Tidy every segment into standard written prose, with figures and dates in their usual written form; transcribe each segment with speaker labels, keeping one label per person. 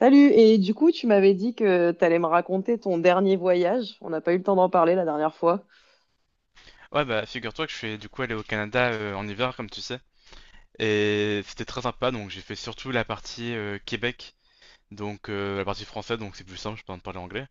Speaker 1: Salut, et du coup, tu m'avais dit que t'allais me raconter ton dernier voyage. On n'a pas eu le temps d'en parler la dernière fois.
Speaker 2: Ouais, bah figure-toi que je suis du coup allé au Canada, en hiver, comme tu sais. Et c'était très sympa, donc j'ai fait surtout la partie Québec, donc la partie française, donc c'est plus simple, je peux en parler anglais.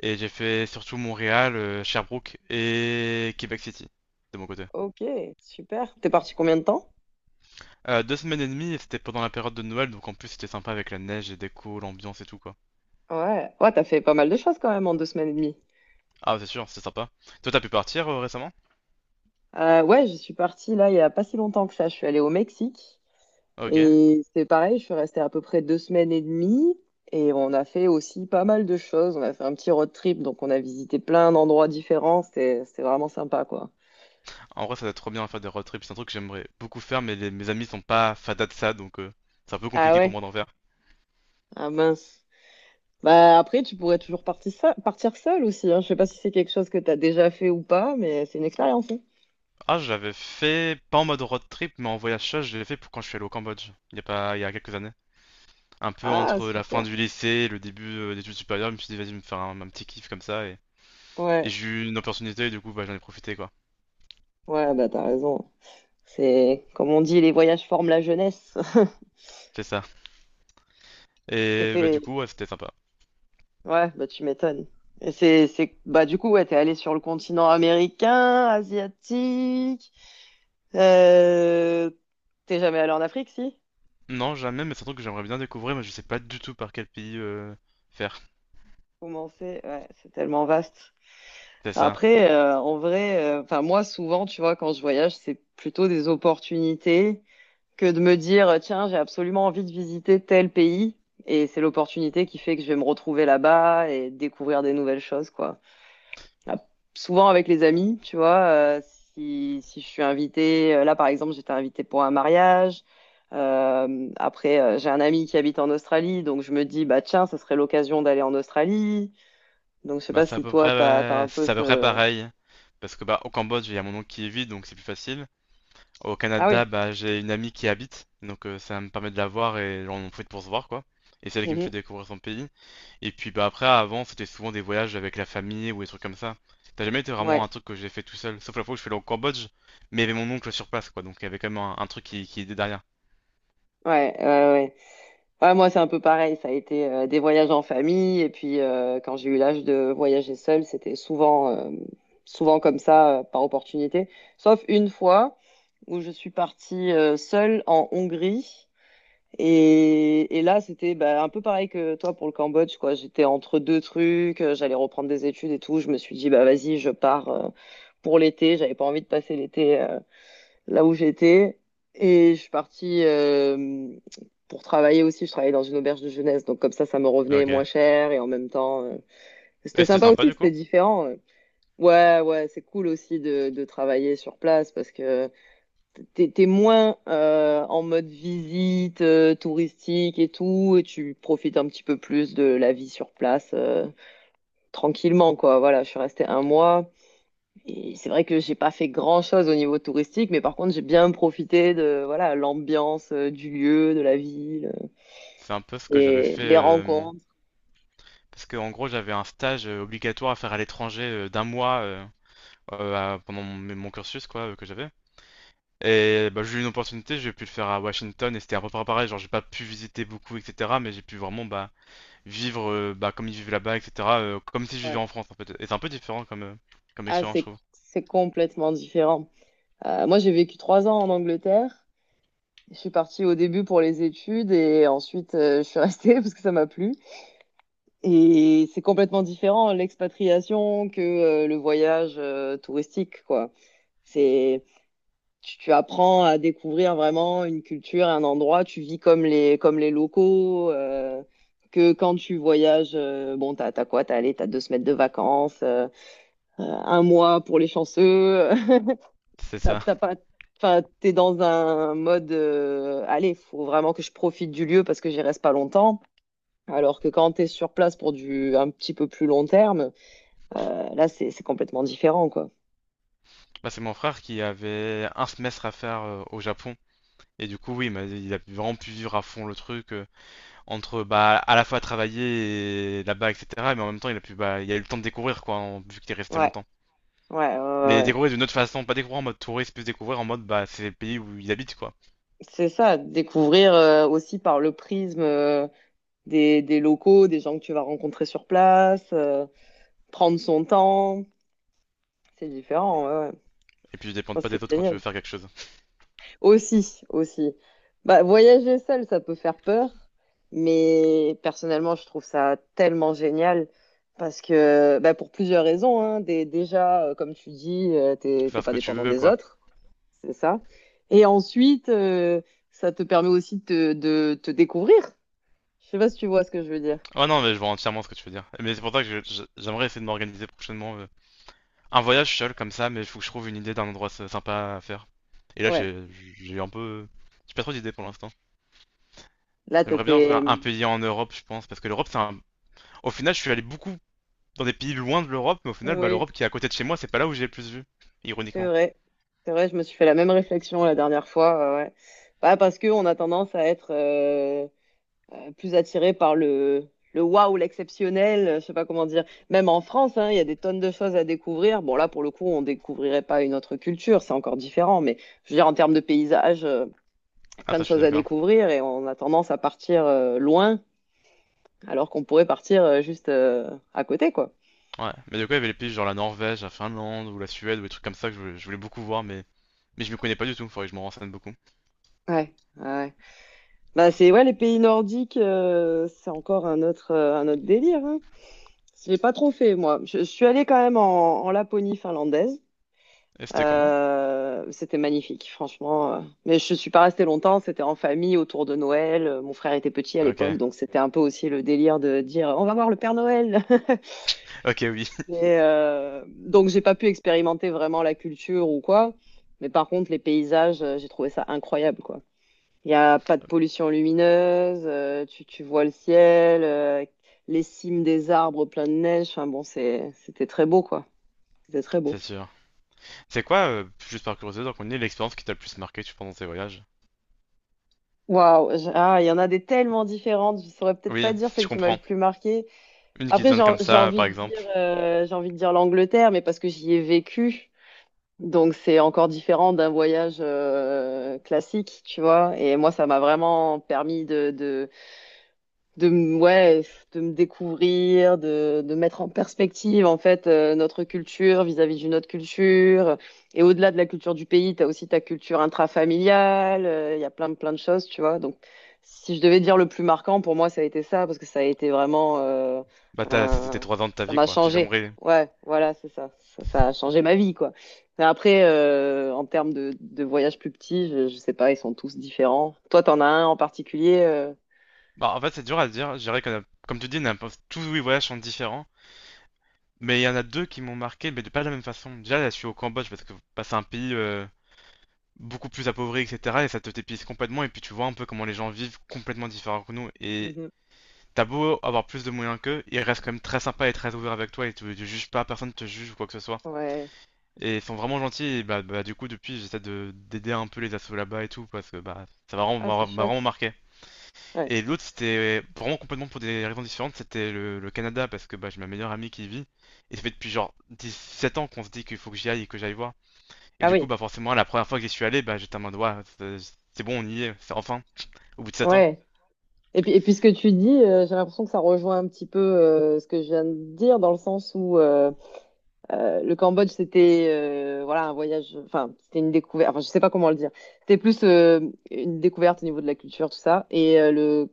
Speaker 2: Et j'ai fait surtout Montréal, Sherbrooke et Québec City, de mon côté.
Speaker 1: Ok, super. T'es parti combien de temps?
Speaker 2: Deux semaines et demie, et c'était pendant la période de Noël, donc en plus c'était sympa avec la neige, les décos, l'ambiance et tout, quoi.
Speaker 1: Ouais, ouais, t'as fait pas mal de choses quand même en deux semaines et demie.
Speaker 2: Ah, c'est sûr, c'est sympa. Toi, t'as pu partir récemment?
Speaker 1: Ouais, je suis partie là il y a pas si longtemps que ça. Je suis allée au Mexique
Speaker 2: Ok.
Speaker 1: et c'est pareil, je suis restée à peu près deux semaines et demie et on a fait aussi pas mal de choses. On a fait un petit road trip, donc on a visité plein d'endroits différents. C'était vraiment sympa quoi.
Speaker 2: En vrai, ça doit être trop bien à faire des road trips, c'est un truc que j'aimerais beaucoup faire, mais mes amis sont pas fadas de ça, donc c'est un peu
Speaker 1: Ah
Speaker 2: compliqué pour
Speaker 1: ouais?
Speaker 2: moi d'en faire.
Speaker 1: Ah mince. Bah, après, tu pourrais toujours partir seul aussi. Hein. Je sais pas si c'est quelque chose que tu as déjà fait ou pas, mais c'est une expérience, hein.
Speaker 2: Ah, je l'avais fait, pas en mode road trip, mais en voyage seul, je l'ai fait pour quand je suis allé au Cambodge, il y a pas, il y a quelques années. Un peu
Speaker 1: Ah,
Speaker 2: entre la fin
Speaker 1: super.
Speaker 2: du lycée et le début d'études supérieures, je me suis dit, vas-y, me faire un petit kiff comme ça, et
Speaker 1: Ouais,
Speaker 2: j'ai eu une opportunité, et du coup, bah, j'en ai profité, quoi.
Speaker 1: ouais, bah t'as raison. C'est comme on dit, les voyages forment la jeunesse.
Speaker 2: C'est ça.
Speaker 1: Et
Speaker 2: Et bah,
Speaker 1: c'est
Speaker 2: du coup, ouais, c'était sympa.
Speaker 1: ouais, bah tu m'étonnes. Et c'est bah du coup ouais, t'es allé sur le continent américain, asiatique. Euh... T'es jamais allé en Afrique, si?
Speaker 2: Non, jamais, mais c'est un truc que j'aimerais bien découvrir, mais je sais pas du tout par quel pays faire.
Speaker 1: Comment Ouais, c'est tellement vaste.
Speaker 2: C'est ça.
Speaker 1: Après, en vrai, enfin moi souvent, tu vois, quand je voyage, c'est plutôt des opportunités que de me dire, tiens, j'ai absolument envie de visiter tel pays, et c'est l'opportunité qui fait que je vais me retrouver là-bas et découvrir des nouvelles choses, quoi. Ah, souvent avec les amis, tu vois, si je suis invitée, là par exemple, j'étais invitée pour un mariage. Après, j'ai un ami qui habite en Australie, donc je me dis, bah tiens, ça serait l'occasion d'aller en Australie. Donc je sais
Speaker 2: Bah,
Speaker 1: pas si toi, t'as un peu
Speaker 2: c'est à peu près
Speaker 1: ce...
Speaker 2: pareil. Parce que bah, au Cambodge, il y a mon oncle qui est vide, donc c'est plus facile. Au
Speaker 1: Ah oui.
Speaker 2: Canada, bah, j'ai une amie qui y habite, donc ça me permet de la voir et genre, on en profite pour se voir, quoi. Et c'est elle qui me fait
Speaker 1: Mhm.
Speaker 2: découvrir son pays. Et puis bah après, avant, c'était souvent des voyages avec la famille ou des trucs comme ça. T'as jamais été vraiment
Speaker 1: Ouais,
Speaker 2: un truc que j'ai fait tout seul, sauf la fois où je suis allé au Cambodge, mais il y avait mon oncle sur place, quoi, donc il y avait quand même un truc qui était derrière.
Speaker 1: ouais, ouais, ouais. Ouais, moi, c'est un peu pareil. Ça a été des voyages en famille. Et puis, quand j'ai eu l'âge de voyager seule, c'était souvent, souvent comme ça, par opportunité. Sauf une fois où je suis partie seule en Hongrie. Et là, c'était bah, un peu pareil que toi pour le Cambodge, quoi. J'étais entre deux trucs. J'allais reprendre des études et tout. Je me suis dit, bah, vas-y, je pars pour l'été. J'avais pas envie de passer l'été là où j'étais. Et je suis partie pour travailler aussi. Je travaillais dans une auberge de jeunesse. Donc comme ça me revenait
Speaker 2: Ok.
Speaker 1: moins cher. Et en même temps,
Speaker 2: Et
Speaker 1: c'était
Speaker 2: c'était
Speaker 1: sympa
Speaker 2: sympa
Speaker 1: aussi,
Speaker 2: du coup.
Speaker 1: c'était différent. Ouais, ouais, c'est cool aussi de travailler sur place parce que t'es moins en mode visite touristique et tout. Et tu profites un petit peu plus de la vie sur place tranquillement, quoi. Voilà, je suis restée un mois. Et c'est vrai que j'ai pas fait grand-chose au niveau touristique, mais par contre, j'ai bien profité de voilà, l'ambiance du lieu, de la ville
Speaker 2: C'est un peu ce que j'avais
Speaker 1: et
Speaker 2: fait,
Speaker 1: les rencontres.
Speaker 2: parce que en gros, j'avais un stage obligatoire à faire à l'étranger d'un mois, pendant mon cursus, quoi, que j'avais. Et bah, j'ai eu une opportunité, j'ai pu le faire à Washington et c'était à peu près pareil, genre j'ai pas pu visiter beaucoup, etc. Mais j'ai pu vraiment bah, vivre comme ils vivent là-bas, etc. Comme si je vivais
Speaker 1: Ouais.
Speaker 2: en France en fait. Et c'est un peu différent comme
Speaker 1: Ah,
Speaker 2: expérience, je
Speaker 1: c'est
Speaker 2: trouve.
Speaker 1: c'est complètement différent. Moi, j'ai vécu trois ans en Angleterre. Je suis partie au début pour les études et ensuite je suis restée parce que ça m'a plu. Et c'est complètement différent l'expatriation que le voyage touristique, quoi. C'est tu, tu apprends à découvrir vraiment une culture, un endroit, tu vis comme les locaux, que quand tu voyages, bon, t'as, t'as quoi? T'as, allez, t'as deux semaines de vacances, un mois pour les chanceux,
Speaker 2: C'est
Speaker 1: t'as,
Speaker 2: ça.
Speaker 1: t'as pas, enfin, t'es dans un mode, allez, faut vraiment que je profite du lieu parce que j'y reste pas longtemps. Alors que quand t'es sur place pour du un petit peu plus long terme, là, c'est complètement différent, quoi.
Speaker 2: Là, c'est mon frère qui avait un semestre à faire au Japon. Et du coup, oui, bah, il a vraiment pu vivre à fond le truc, entre bah, à la fois travailler et là-bas, etc. Mais en même temps, il a pu, bah, il a eu le temps de découvrir, quoi, vu qu'il est resté
Speaker 1: Ouais,
Speaker 2: longtemps.
Speaker 1: ouais, ouais,
Speaker 2: Mais
Speaker 1: ouais.
Speaker 2: découvrir d'une autre façon, pas découvrir en mode touriste, plus découvrir en mode, bah, c'est le pays où il habite, quoi.
Speaker 1: C'est ça, découvrir aussi par le prisme des locaux, des gens que tu vas rencontrer sur place, prendre son temps, c'est différent, ouais, ouais.
Speaker 2: Et puis,
Speaker 1: Oh,
Speaker 2: dépendre pas
Speaker 1: c'est
Speaker 2: des autres quand tu veux
Speaker 1: génial.
Speaker 2: faire quelque chose.
Speaker 1: Aussi, aussi. Bah, voyager seul, ça peut faire peur, mais personnellement, je trouve ça tellement génial parce que, bah, pour plusieurs raisons, hein. Déjà, comme tu dis,
Speaker 2: Tu
Speaker 1: t'es
Speaker 2: peux
Speaker 1: t'es
Speaker 2: faire ce
Speaker 1: pas
Speaker 2: que tu
Speaker 1: dépendant
Speaker 2: veux,
Speaker 1: des
Speaker 2: quoi.
Speaker 1: autres, c'est ça. Et ensuite, ça te permet aussi de te découvrir. Je sais pas si tu vois ce que je veux dire.
Speaker 2: Oh non, mais je vois entièrement ce que tu veux dire. Mais c'est pour ça que j'aimerais essayer de m'organiser prochainement un voyage seul comme ça, mais il faut que je trouve une idée d'un endroit sympa à faire. Et là,
Speaker 1: Ouais.
Speaker 2: j'ai eu un peu. J'ai pas trop d'idées pour l'instant.
Speaker 1: Là, t'as
Speaker 2: J'aimerais bien
Speaker 1: tes...
Speaker 2: faire un pays en Europe, je pense, parce que l'Europe, c'est un. Au final, je suis allé beaucoup dans des pays loin de l'Europe, mais au final, bah,
Speaker 1: Oui,
Speaker 2: l'Europe qui est à côté de chez moi, c'est pas là où j'ai le plus vu.
Speaker 1: c'est
Speaker 2: Ironiquement.
Speaker 1: vrai. C'est vrai, je me suis fait la même réflexion la dernière fois. Ouais. Bah, parce qu'on a tendance à être plus attiré par le waouh, l'exceptionnel, je sais pas comment dire. Même en France, hein, il y a des tonnes de choses à découvrir. Bon, là, pour le coup, on découvrirait pas une autre culture, c'est encore différent. Mais je veux dire, en termes de paysage,
Speaker 2: Ah,
Speaker 1: plein de
Speaker 2: ça, je suis
Speaker 1: choses à
Speaker 2: d'accord.
Speaker 1: découvrir et on a tendance à partir loin, alors qu'on pourrait partir juste à côté, quoi.
Speaker 2: Ouais. Mais du coup, il y avait les pays genre la Norvège, la Finlande, ou la Suède, ou des trucs comme ça que je voulais beaucoup voir, mais. Mais je me connais pas du tout, faudrait que je m'en renseigne beaucoup.
Speaker 1: Ouais. Ouais. Bah, c'est ouais, les pays nordiques, c'est encore un autre délire. Hein. Je l'ai pas trop fait, moi. Je suis allée quand même en, en Laponie finlandaise.
Speaker 2: Et c'était comment?
Speaker 1: C'était magnifique, franchement. Mais je suis pas restée longtemps. C'était en famille autour de Noël. Mon frère était petit à l'époque,
Speaker 2: Ok.
Speaker 1: donc c'était un peu aussi le délire de dire on va voir le Père Noël.
Speaker 2: Ok, oui,
Speaker 1: Mais, donc j'ai pas pu expérimenter vraiment la culture ou quoi. Mais par contre, les paysages, j'ai trouvé ça incroyable, quoi. Il n'y a pas de pollution lumineuse, tu, tu vois le ciel, les cimes des arbres pleins de neige. Enfin bon, c'était très beau, quoi. C'était très beau.
Speaker 2: c'est sûr. C'est quoi, juste par curiosité, donc on est l'expérience qui t'a le plus marqué pendant tes voyages?
Speaker 1: Waouh, il y en a des tellement différentes. Je saurais peut-être pas
Speaker 2: Oui,
Speaker 1: dire
Speaker 2: je
Speaker 1: celle qui m'a le
Speaker 2: comprends.
Speaker 1: plus marquée.
Speaker 2: Une qui se
Speaker 1: Après,
Speaker 2: donne comme
Speaker 1: j'ai
Speaker 2: ça,
Speaker 1: envie
Speaker 2: par
Speaker 1: de
Speaker 2: exemple.
Speaker 1: dire, j'ai envie de dire l'Angleterre, mais parce que j'y ai vécu. Donc c'est encore différent d'un voyage classique, tu vois. Et moi, ça m'a vraiment permis de ouais, de me découvrir, de mettre en perspective en fait notre culture vis-à-vis d'une autre culture. Et au-delà de la culture du pays, tu as aussi ta culture intrafamiliale, il y a plein de choses, tu vois. Donc si je devais dire le plus marquant pour moi, ça a été ça parce que ça a été vraiment
Speaker 2: Bah, c'était
Speaker 1: un-
Speaker 2: trois ans de ta
Speaker 1: ça
Speaker 2: vie,
Speaker 1: m'a
Speaker 2: quoi, si j'ai bien
Speaker 1: changé.
Speaker 2: compris.
Speaker 1: Ouais, voilà, c'est ça. Ça a changé ma vie quoi. Mais après en termes de voyages plus petits, je sais pas, ils sont tous différents. Toi, t'en as un en particulier
Speaker 2: Bah, en fait, c'est dur à dire. Je dirais qu'on Comme tu dis, on a tous les voyages sont différents. Mais il y en a deux qui m'ont marqué, mais de pas de la même façon. Déjà, là, je suis au Cambodge parce que c'est un pays beaucoup plus appauvri, etc. Et ça te t'épuise complètement. Et puis, tu vois un peu comment les gens vivent complètement différents que nous. Et
Speaker 1: Mhm.
Speaker 2: t'as beau avoir plus de moyens qu'eux, ils restent quand même très sympas et très ouverts avec toi et tu juges pas, personne te juge ou quoi que ce soit.
Speaker 1: Ouais.
Speaker 2: Et ils sont vraiment gentils et bah, du coup depuis j'essaie de d'aider un peu les assos là-bas et tout parce que bah ça
Speaker 1: Ah, c'est
Speaker 2: m'a
Speaker 1: chouette.
Speaker 2: vraiment marqué.
Speaker 1: Ouais.
Speaker 2: Et l'autre c'était vraiment complètement pour des raisons différentes, c'était le Canada parce que bah j'ai ma meilleure amie qui y vit et ça fait depuis genre 17 ans qu'on se dit qu'il faut que j'y aille et que j'aille voir. Et
Speaker 1: Ah
Speaker 2: du coup
Speaker 1: oui,
Speaker 2: bah forcément la première fois que j'y suis allé bah j'étais en mode ouais c'est bon on y est, c'est enfin au bout de 7 ans.
Speaker 1: ouais. Et puis ce que tu dis, j'ai l'impression que ça rejoint un petit peu ce que je viens de dire, dans le sens où le Cambodge, c'était voilà, un voyage, enfin, c'était une découverte, enfin, je sais pas comment le dire. C'était plus une découverte au niveau de la culture, tout ça. Et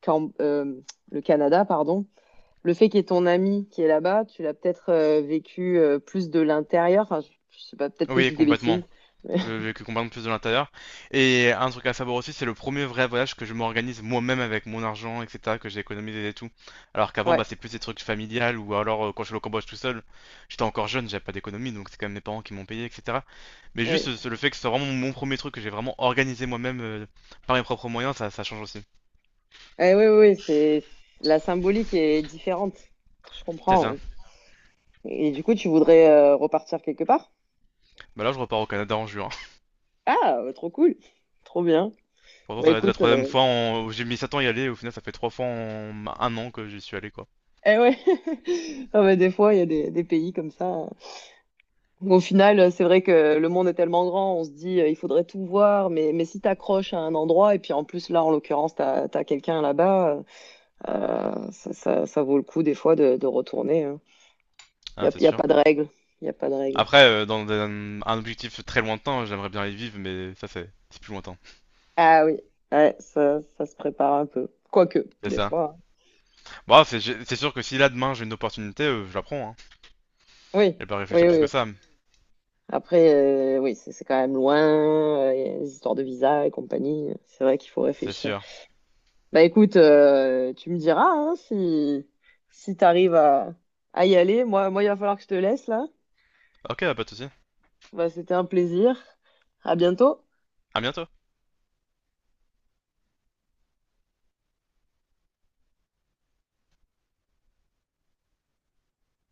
Speaker 1: Cam- euh, le Canada, pardon, le fait qu'il y ait ton ami qui est là-bas, tu l'as peut-être vécu plus de l'intérieur. Enfin, je sais pas, peut-être que je
Speaker 2: Oui,
Speaker 1: dis des bêtises.
Speaker 2: complètement.
Speaker 1: mais-
Speaker 2: Que comprendre plus de l'intérieur. Et un truc à savoir aussi, c'est le premier vrai voyage que je m'organise moi-même avec mon argent, etc., que j'ai économisé et tout. Alors qu'avant, bah,
Speaker 1: Ouais,
Speaker 2: c'est plus des trucs familiales ou alors quand je suis au Cambodge tout seul, j'étais encore jeune, j'avais pas d'économie, donc c'est quand même mes parents qui m'ont payé, etc. Mais
Speaker 1: oui.
Speaker 2: juste le fait que ce soit vraiment mon premier truc que j'ai vraiment organisé moi-même par mes propres moyens, ça change aussi.
Speaker 1: Eh oui, oui, oui, c'est la symbolique est différente. Je
Speaker 2: C'est
Speaker 1: comprends.
Speaker 2: ça.
Speaker 1: Ouais. Et du coup, tu voudrais repartir quelque part?
Speaker 2: Bah là, je repars au Canada en juin.
Speaker 1: Ah, trop cool. Trop bien.
Speaker 2: Pourtant,
Speaker 1: Bah
Speaker 2: ça va être la
Speaker 1: écoute,
Speaker 2: troisième fois où j'ai mis 7 ans à y aller, et au final, ça fait trois fois en un an que j'y suis allé, quoi.
Speaker 1: eh ouais. Ah, bah, des fois, il y a des pays comme ça. Au final, c'est vrai que le monde est tellement grand, on se dit, il faudrait tout voir, mais si t'accroches à un endroit, et puis en plus, là, en l'occurrence, t'as, t'as quelqu'un là-bas, ça vaut le coup des fois de retourner, hein. Il n'y
Speaker 2: Ah,
Speaker 1: a,
Speaker 2: c'est
Speaker 1: y a
Speaker 2: sûr.
Speaker 1: pas de règle. Il n'y a pas de règle.
Speaker 2: Après, dans un objectif très lointain, j'aimerais bien les vivre, mais ça, c'est plus lointain.
Speaker 1: Ah oui, ouais, ça se prépare un peu. Quoique,
Speaker 2: C'est
Speaker 1: des
Speaker 2: ça.
Speaker 1: fois, hein.
Speaker 2: Bon, c'est sûr que si là, demain, j'ai une opportunité, je la prends. Hein. Je
Speaker 1: Oui,
Speaker 2: vais pas réfléchir
Speaker 1: oui,
Speaker 2: plus que
Speaker 1: oui.
Speaker 2: ça,
Speaker 1: Après, oui, c'est quand même loin, il y a les histoires de visa et compagnie. C'est vrai qu'il faut
Speaker 2: c'est
Speaker 1: réfléchir.
Speaker 2: sûr.
Speaker 1: Bah écoute, tu me diras hein, si, si tu arrives à y aller. Moi, il va falloir que je te laisse là.
Speaker 2: Ok, bah, pas de soucis.
Speaker 1: Bah, c'était un plaisir. À bientôt.
Speaker 2: À bientôt.